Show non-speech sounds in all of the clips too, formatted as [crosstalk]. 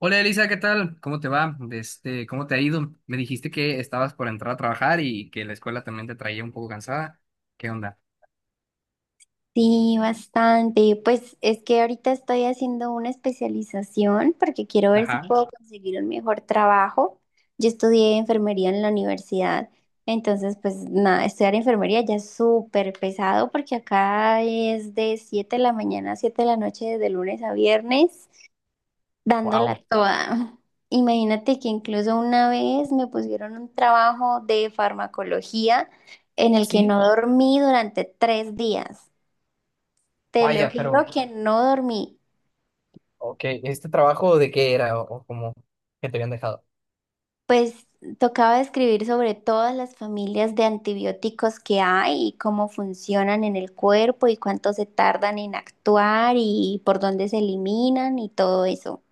Hola Elisa, ¿qué tal? ¿Cómo te va? Este, ¿cómo te ha ido? Me dijiste que estabas por entrar a trabajar y que la escuela también te traía un poco cansada. ¿Qué onda? Sí, bastante. Pues es que ahorita estoy haciendo una especialización porque quiero ver si Ajá. puedo conseguir un mejor trabajo. Yo estudié enfermería en la universidad, entonces pues nada, estudiar enfermería ya es súper pesado porque acá es de 7 de la mañana a 7 de la noche, de lunes a viernes, Wow. dándola toda. [laughs] Imagínate que incluso una vez me pusieron un trabajo de farmacología en el que Sí, no dormí durante 3 días. Te lo vaya, juro pero, que no dormí. ok, ¿este trabajo de qué era o cómo que te habían dejado? Pues tocaba escribir sobre todas las familias de antibióticos que hay y cómo funcionan en el cuerpo y cuánto se tardan en actuar y por dónde se eliminan y todo eso.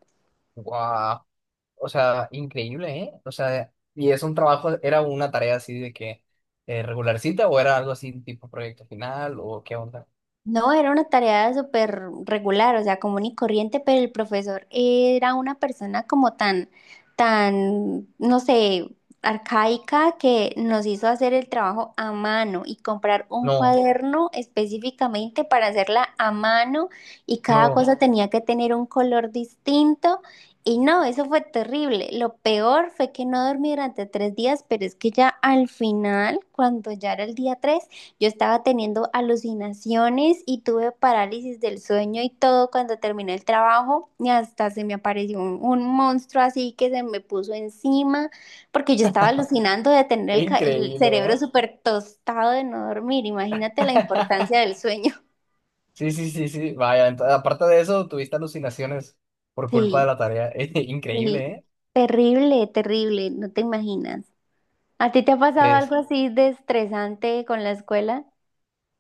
Wow. O sea, increíble, ¿eh? O sea, ¿y es un trabajo, era una tarea así de que regularcita o era algo así tipo proyecto final o qué onda? No, era una tarea súper regular, o sea, común y corriente, pero el profesor era una persona como tan, no sé, arcaica que nos hizo hacer el trabajo a mano y comprar un No, cuaderno específicamente para hacerla a mano y cada no, cosa tenía que tener un color distinto. Y no, eso fue terrible. Lo peor fue que no dormí durante tres días, pero es que ya al final, cuando ya era el día 3, yo estaba teniendo alucinaciones y tuve parálisis del sueño y todo cuando terminé el trabajo y hasta se me apareció un monstruo así que se me puso encima porque yo estaba alucinando de tener el increíble, cerebro ¿eh? súper tostado de no dormir. Imagínate la importancia del sueño. [laughs] Sí, sí, sí, sí. Vaya, aparte de eso, tuviste alucinaciones por culpa de Sí, la tarea. [laughs] sí. Increíble, ¿eh? Terrible, terrible, no te imaginas. ¿A ti te ha pasado algo así de estresante con la escuela?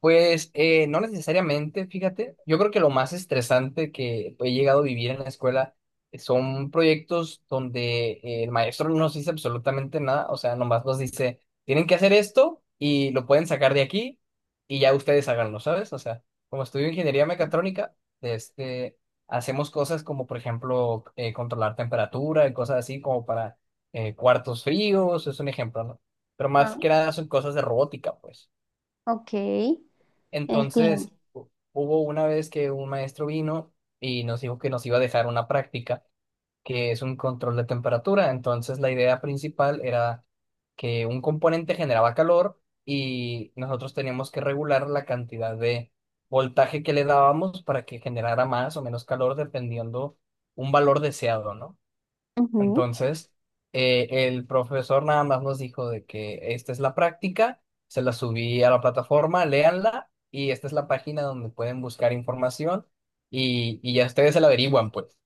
Pues no necesariamente, fíjate. Yo creo que lo más estresante que he llegado a vivir en la escuela son proyectos donde el maestro no nos dice absolutamente nada, o sea, nomás nos dice, tienen que hacer esto y lo pueden sacar de aquí y ya ustedes háganlo, ¿sabes? O sea, como estudio ingeniería mecatrónica, este, hacemos cosas como, por ejemplo, controlar temperatura y cosas así como para cuartos fríos, es un ejemplo, ¿no? Pero Ah, más que nada son cosas de robótica, pues. ok, entiendo. Entonces, hubo una vez que un maestro vino y nos dijo que nos iba a dejar una práctica, que es un control de temperatura. Entonces, la idea principal era que un componente generaba calor y nosotros teníamos que regular la cantidad de voltaje que le dábamos para que generara más o menos calor dependiendo un valor deseado, ¿no? Ujú. Entonces, el profesor nada más nos dijo de que esta es la práctica, se la subí a la plataforma, léanla y esta es la página donde pueden buscar información y ya ustedes se la averiguan, pues.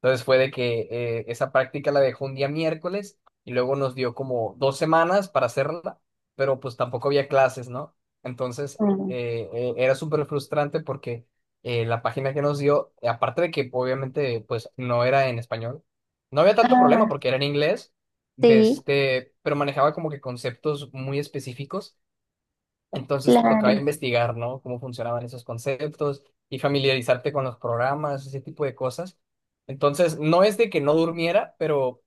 Entonces fue de que esa práctica la dejó un día miércoles y luego nos dio como dos semanas para hacerla, pero pues tampoco había clases, ¿no? Entonces, Mm. Era súper frustrante porque la página que nos dio, aparte de que obviamente pues no era en español, no había tanto Ah, problema porque era en inglés, de sí. este, pero manejaba como que conceptos muy específicos, entonces tocaba Claro, investigar, ¿no? Cómo funcionaban esos conceptos y familiarizarte con los programas, ese tipo de cosas. Entonces, no es de que no durmiera, pero,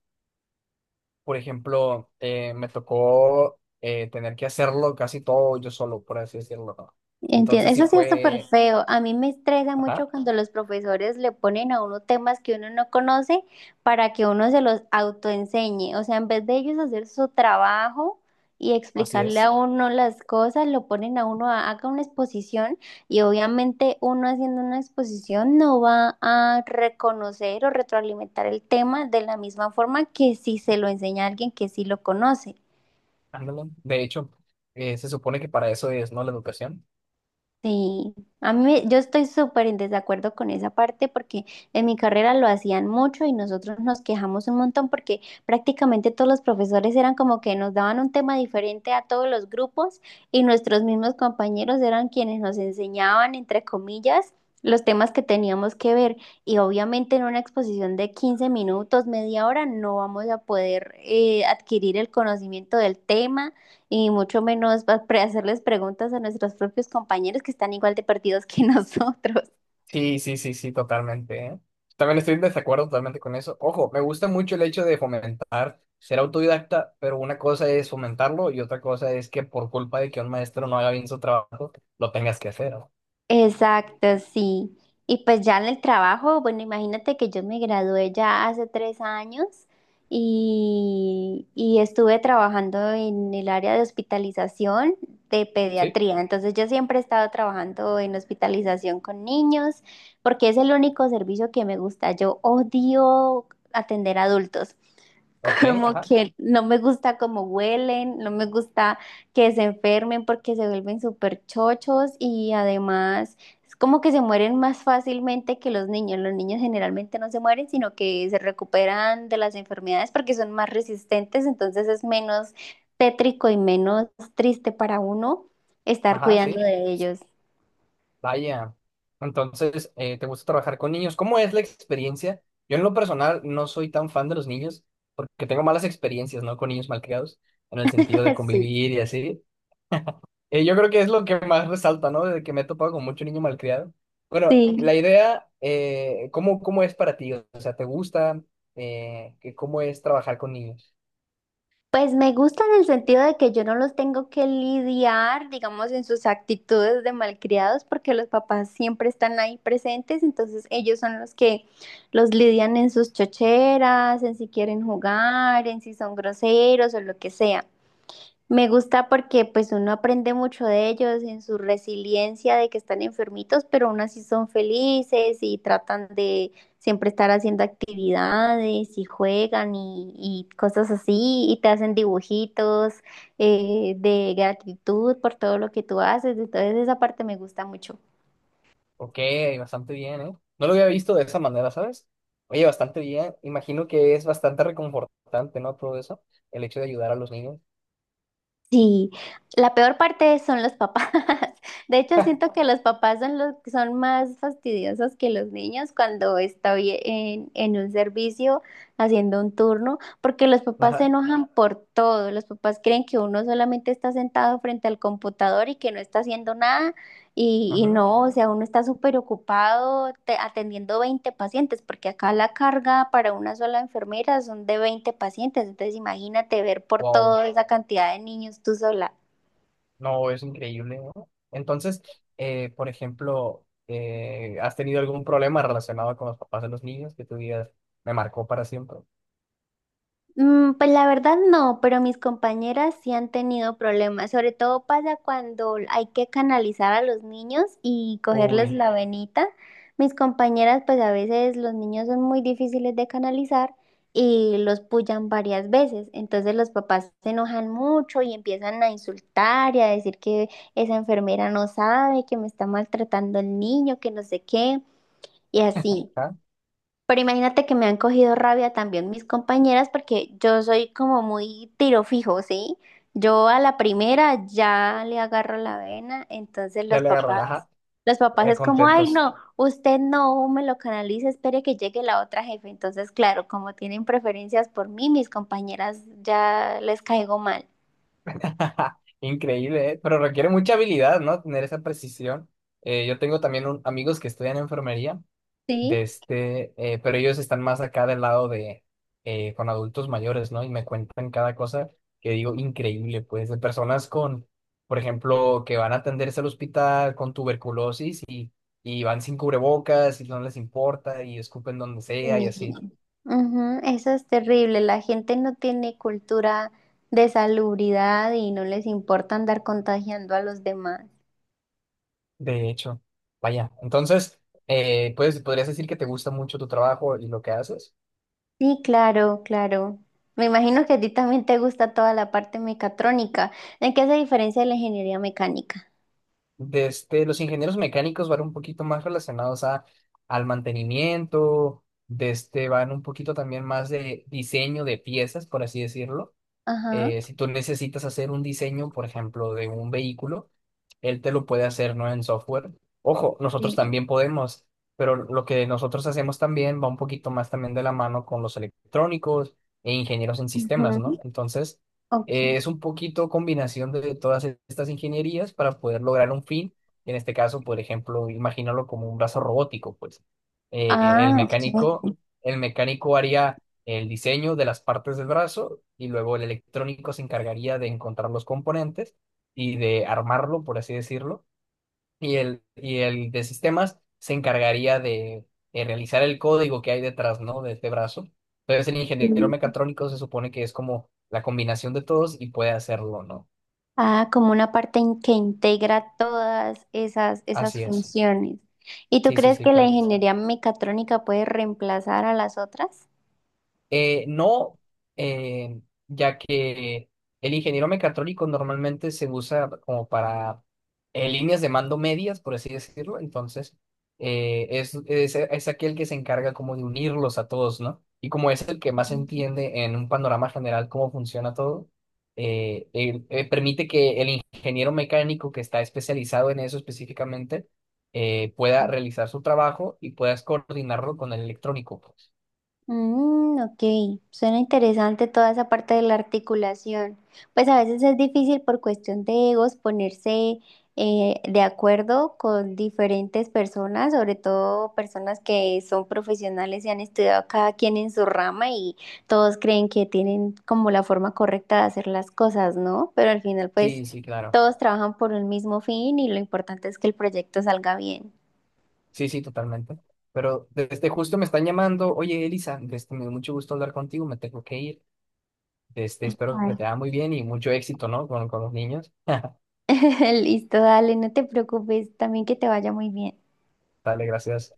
por ejemplo, me tocó tener que hacerlo casi todo yo solo, por así decirlo, ¿no? entiendo. Entonces sí Eso sí es súper fue, feo. A mí me estresa ajá, mucho cuando los profesores le ponen a uno temas que uno no conoce para que uno se los autoenseñe. O sea, en vez de ellos hacer su trabajo y así explicarle es, a uno las cosas, lo ponen a uno a haga una exposición y obviamente uno haciendo una exposición no va a reconocer o retroalimentar el tema de la misma forma que si se lo enseña a alguien que sí lo conoce. ándale. De hecho, se supone que para eso es, ¿no? La educación. Sí, a yo estoy súper en desacuerdo con esa parte porque en mi carrera lo hacían mucho y nosotros nos quejamos un montón porque prácticamente todos los profesores eran como que nos daban un tema diferente a todos los grupos y nuestros mismos compañeros eran quienes nos enseñaban, entre comillas, los temas que teníamos que ver y obviamente en una exposición de 15 minutos, media hora, no vamos a poder adquirir el conocimiento del tema y mucho menos hacerles preguntas a nuestros propios compañeros que están igual de perdidos que [laughs] nosotros. Sí, sí, sí, sí, totalmente, ¿eh? También estoy en desacuerdo totalmente con eso. Ojo, me gusta mucho el hecho de fomentar, ser autodidacta, pero una cosa es fomentarlo y otra cosa es que por culpa de que un maestro no haga bien su trabajo, lo tengas que hacer, ¿no? Exacto, sí. Y pues ya en el trabajo, bueno, imagínate que yo me gradué ya hace 3 años y estuve trabajando en el área de hospitalización de ¿Sí? pediatría. Entonces yo siempre he estado trabajando en hospitalización con niños porque es el único servicio que me gusta. Yo odio atender adultos. Ok, Como ajá, que no me gusta cómo huelen, no me gusta que se enfermen porque se vuelven súper chochos y además es como que se mueren más fácilmente que los niños. Los niños generalmente no se mueren, sino que se recuperan de las enfermedades porque son más resistentes, entonces es menos tétrico y menos triste para uno estar ajá, cuidando sí. de ellos. Vaya. Entonces, ¿te gusta trabajar con niños? ¿Cómo es la experiencia? Yo en lo personal no soy tan fan de los niños porque tengo malas experiencias, ¿no? Con niños malcriados, en el sentido de [laughs] Sí, convivir y así. Yo creo que es lo que más resalta, ¿no? De que me he topado con mucho niño malcriado. Bueno, sí. la idea, ¿cómo, cómo es para ti? O sea, ¿te gusta? Que ¿Cómo es trabajar con niños? Pues me gusta en el sentido de que yo no los tengo que lidiar, digamos, en sus actitudes de malcriados, porque los papás siempre están ahí presentes, entonces ellos son los que los lidian en sus chocheras, en si quieren jugar, en si son groseros o lo que sea. Me gusta porque pues uno aprende mucho de ellos en su resiliencia de que están enfermitos, pero aún así son felices y tratan de siempre estar haciendo actividades y juegan y cosas así y te hacen dibujitos de gratitud por todo lo que tú haces. Entonces esa parte me gusta mucho. Ok, bastante bien, ¿eh? No lo había visto de esa manera, ¿sabes? Oye, bastante bien. Imagino que es bastante reconfortante, ¿no? Todo eso, el hecho de ayudar a los niños. Sí, la peor parte son los papás. [laughs] De hecho, siento [laughs] que los papás son los que son más fastidiosos que los niños cuando estoy en un servicio haciendo un turno, porque los papás se Ajá, enojan por todo. Los papás creen que uno solamente está sentado frente al computador y que no está haciendo nada y ajá. no, o sea, uno está súper atendiendo 20 pacientes, porque acá la carga para una sola enfermera son de 20 pacientes, entonces imagínate ver por Wow. toda esa cantidad de niños tú sola. No, es increíble, ¿no? Entonces, por ejemplo, ¿has tenido algún problema relacionado con los papás de los niños que tú digas, me marcó para siempre? Mm, pues la verdad no, pero mis compañeras sí han tenido problemas. Sobre todo pasa cuando hay que canalizar a los niños y cogerles Uy, la venita. Mis compañeras, pues a veces los niños son muy difíciles de canalizar y los pullan varias veces. Entonces los papás se enojan mucho y empiezan a insultar y a decir que esa enfermera no sabe, que me está maltratando el niño, que no sé qué, y así. ajá, Pero imagínate que me han cogido rabia también mis compañeras porque yo soy como muy tiro fijo, ¿sí? Yo a la primera ya le agarro la vena, entonces ya le agarró, ajá, los papás es como, ay, contentos. no, usted no me lo canalice, espere que llegue la otra jefe. Entonces, claro, como tienen preferencias por mí, mis compañeras ya les caigo mal, [laughs] Increíble, ¿eh? Pero requiere mucha habilidad, ¿no? Tener esa precisión. Yo tengo también amigos que estudian enfermería de ¿sí? este, pero ellos están más acá del lado de, con adultos mayores, ¿no? Y me cuentan cada cosa que digo increíble, pues, de personas con, por ejemplo, que van a atenderse al hospital con tuberculosis y van sin cubrebocas y no les importa y escupen donde Sí. sea y así. Ujú, eso es terrible. La gente no tiene cultura de salubridad y no les importa andar contagiando a los demás. De hecho, vaya. Entonces, pues, podrías decir que te gusta mucho tu trabajo y lo que haces. Sí, claro, claro. Me imagino que a ti también te gusta toda la parte mecatrónica. ¿En qué se diferencia de la ingeniería mecánica? De este, los ingenieros mecánicos van un poquito más relacionados a, al mantenimiento, de este, van un poquito también más de diseño de piezas, por así decirlo. Ajá. Si tú necesitas hacer un diseño, por ejemplo, de un vehículo, él te lo puede hacer, ¿no? En software. Ojo, nosotros Sí. también podemos, pero lo que nosotros hacemos también va un poquito más también de la mano con los electrónicos e ingenieros en sistemas, Ujú, ¿no? Entonces, ok. es un poquito combinación de todas estas ingenierías para poder lograr un fin. En este caso, por ejemplo, imagínalo como un brazo robótico, pues. Eh, el Ah, mecánico, el mecánico haría el diseño de las partes del brazo y luego el electrónico se encargaría de encontrar los componentes y de armarlo, por así decirlo, y el de sistemas se encargaría de, realizar el código que hay detrás, ¿no? De este brazo. Entonces el ingeniero ok. mecatrónico se supone que es como la combinación de todos y puede hacerlo, ¿no? Ah, como una parte en que integra todas esas, esas Así es. funciones. ¿Y tú Sí, sí, crees sí, que la claro que sí. ingeniería mecatrónica puede reemplazar a las otras? No, eh, ya que el ingeniero mecatrónico normalmente se usa como para líneas de mando medias, por así decirlo. Entonces, es aquel que se encarga como de unirlos a todos, ¿no? Y como es el que más entiende en un panorama general cómo funciona todo, permite que el ingeniero mecánico que está especializado en eso específicamente pueda realizar su trabajo y puedas coordinarlo con el electrónico, pues. Mm, ok, suena interesante toda esa parte de la articulación. Pues a veces es difícil por cuestión de egos ponerse de acuerdo con diferentes personas, sobre todo personas que son profesionales y han estudiado cada quien en su rama y todos creen que tienen como la forma correcta de hacer las cosas, ¿no? Pero al final pues Sí, sí, claro. todos trabajan por un mismo fin y lo importante es que el proyecto salga bien. Sí, sí, totalmente. Pero desde justo me están llamando, oye Elisa, desde, me dio mucho gusto hablar contigo, me tengo que ir. Este, espero que Ay, te vaya muy bien y mucho éxito, ¿no? Con los niños. [laughs] [laughs] listo, dale, no te preocupes, también que te vaya muy bien. Dale, gracias.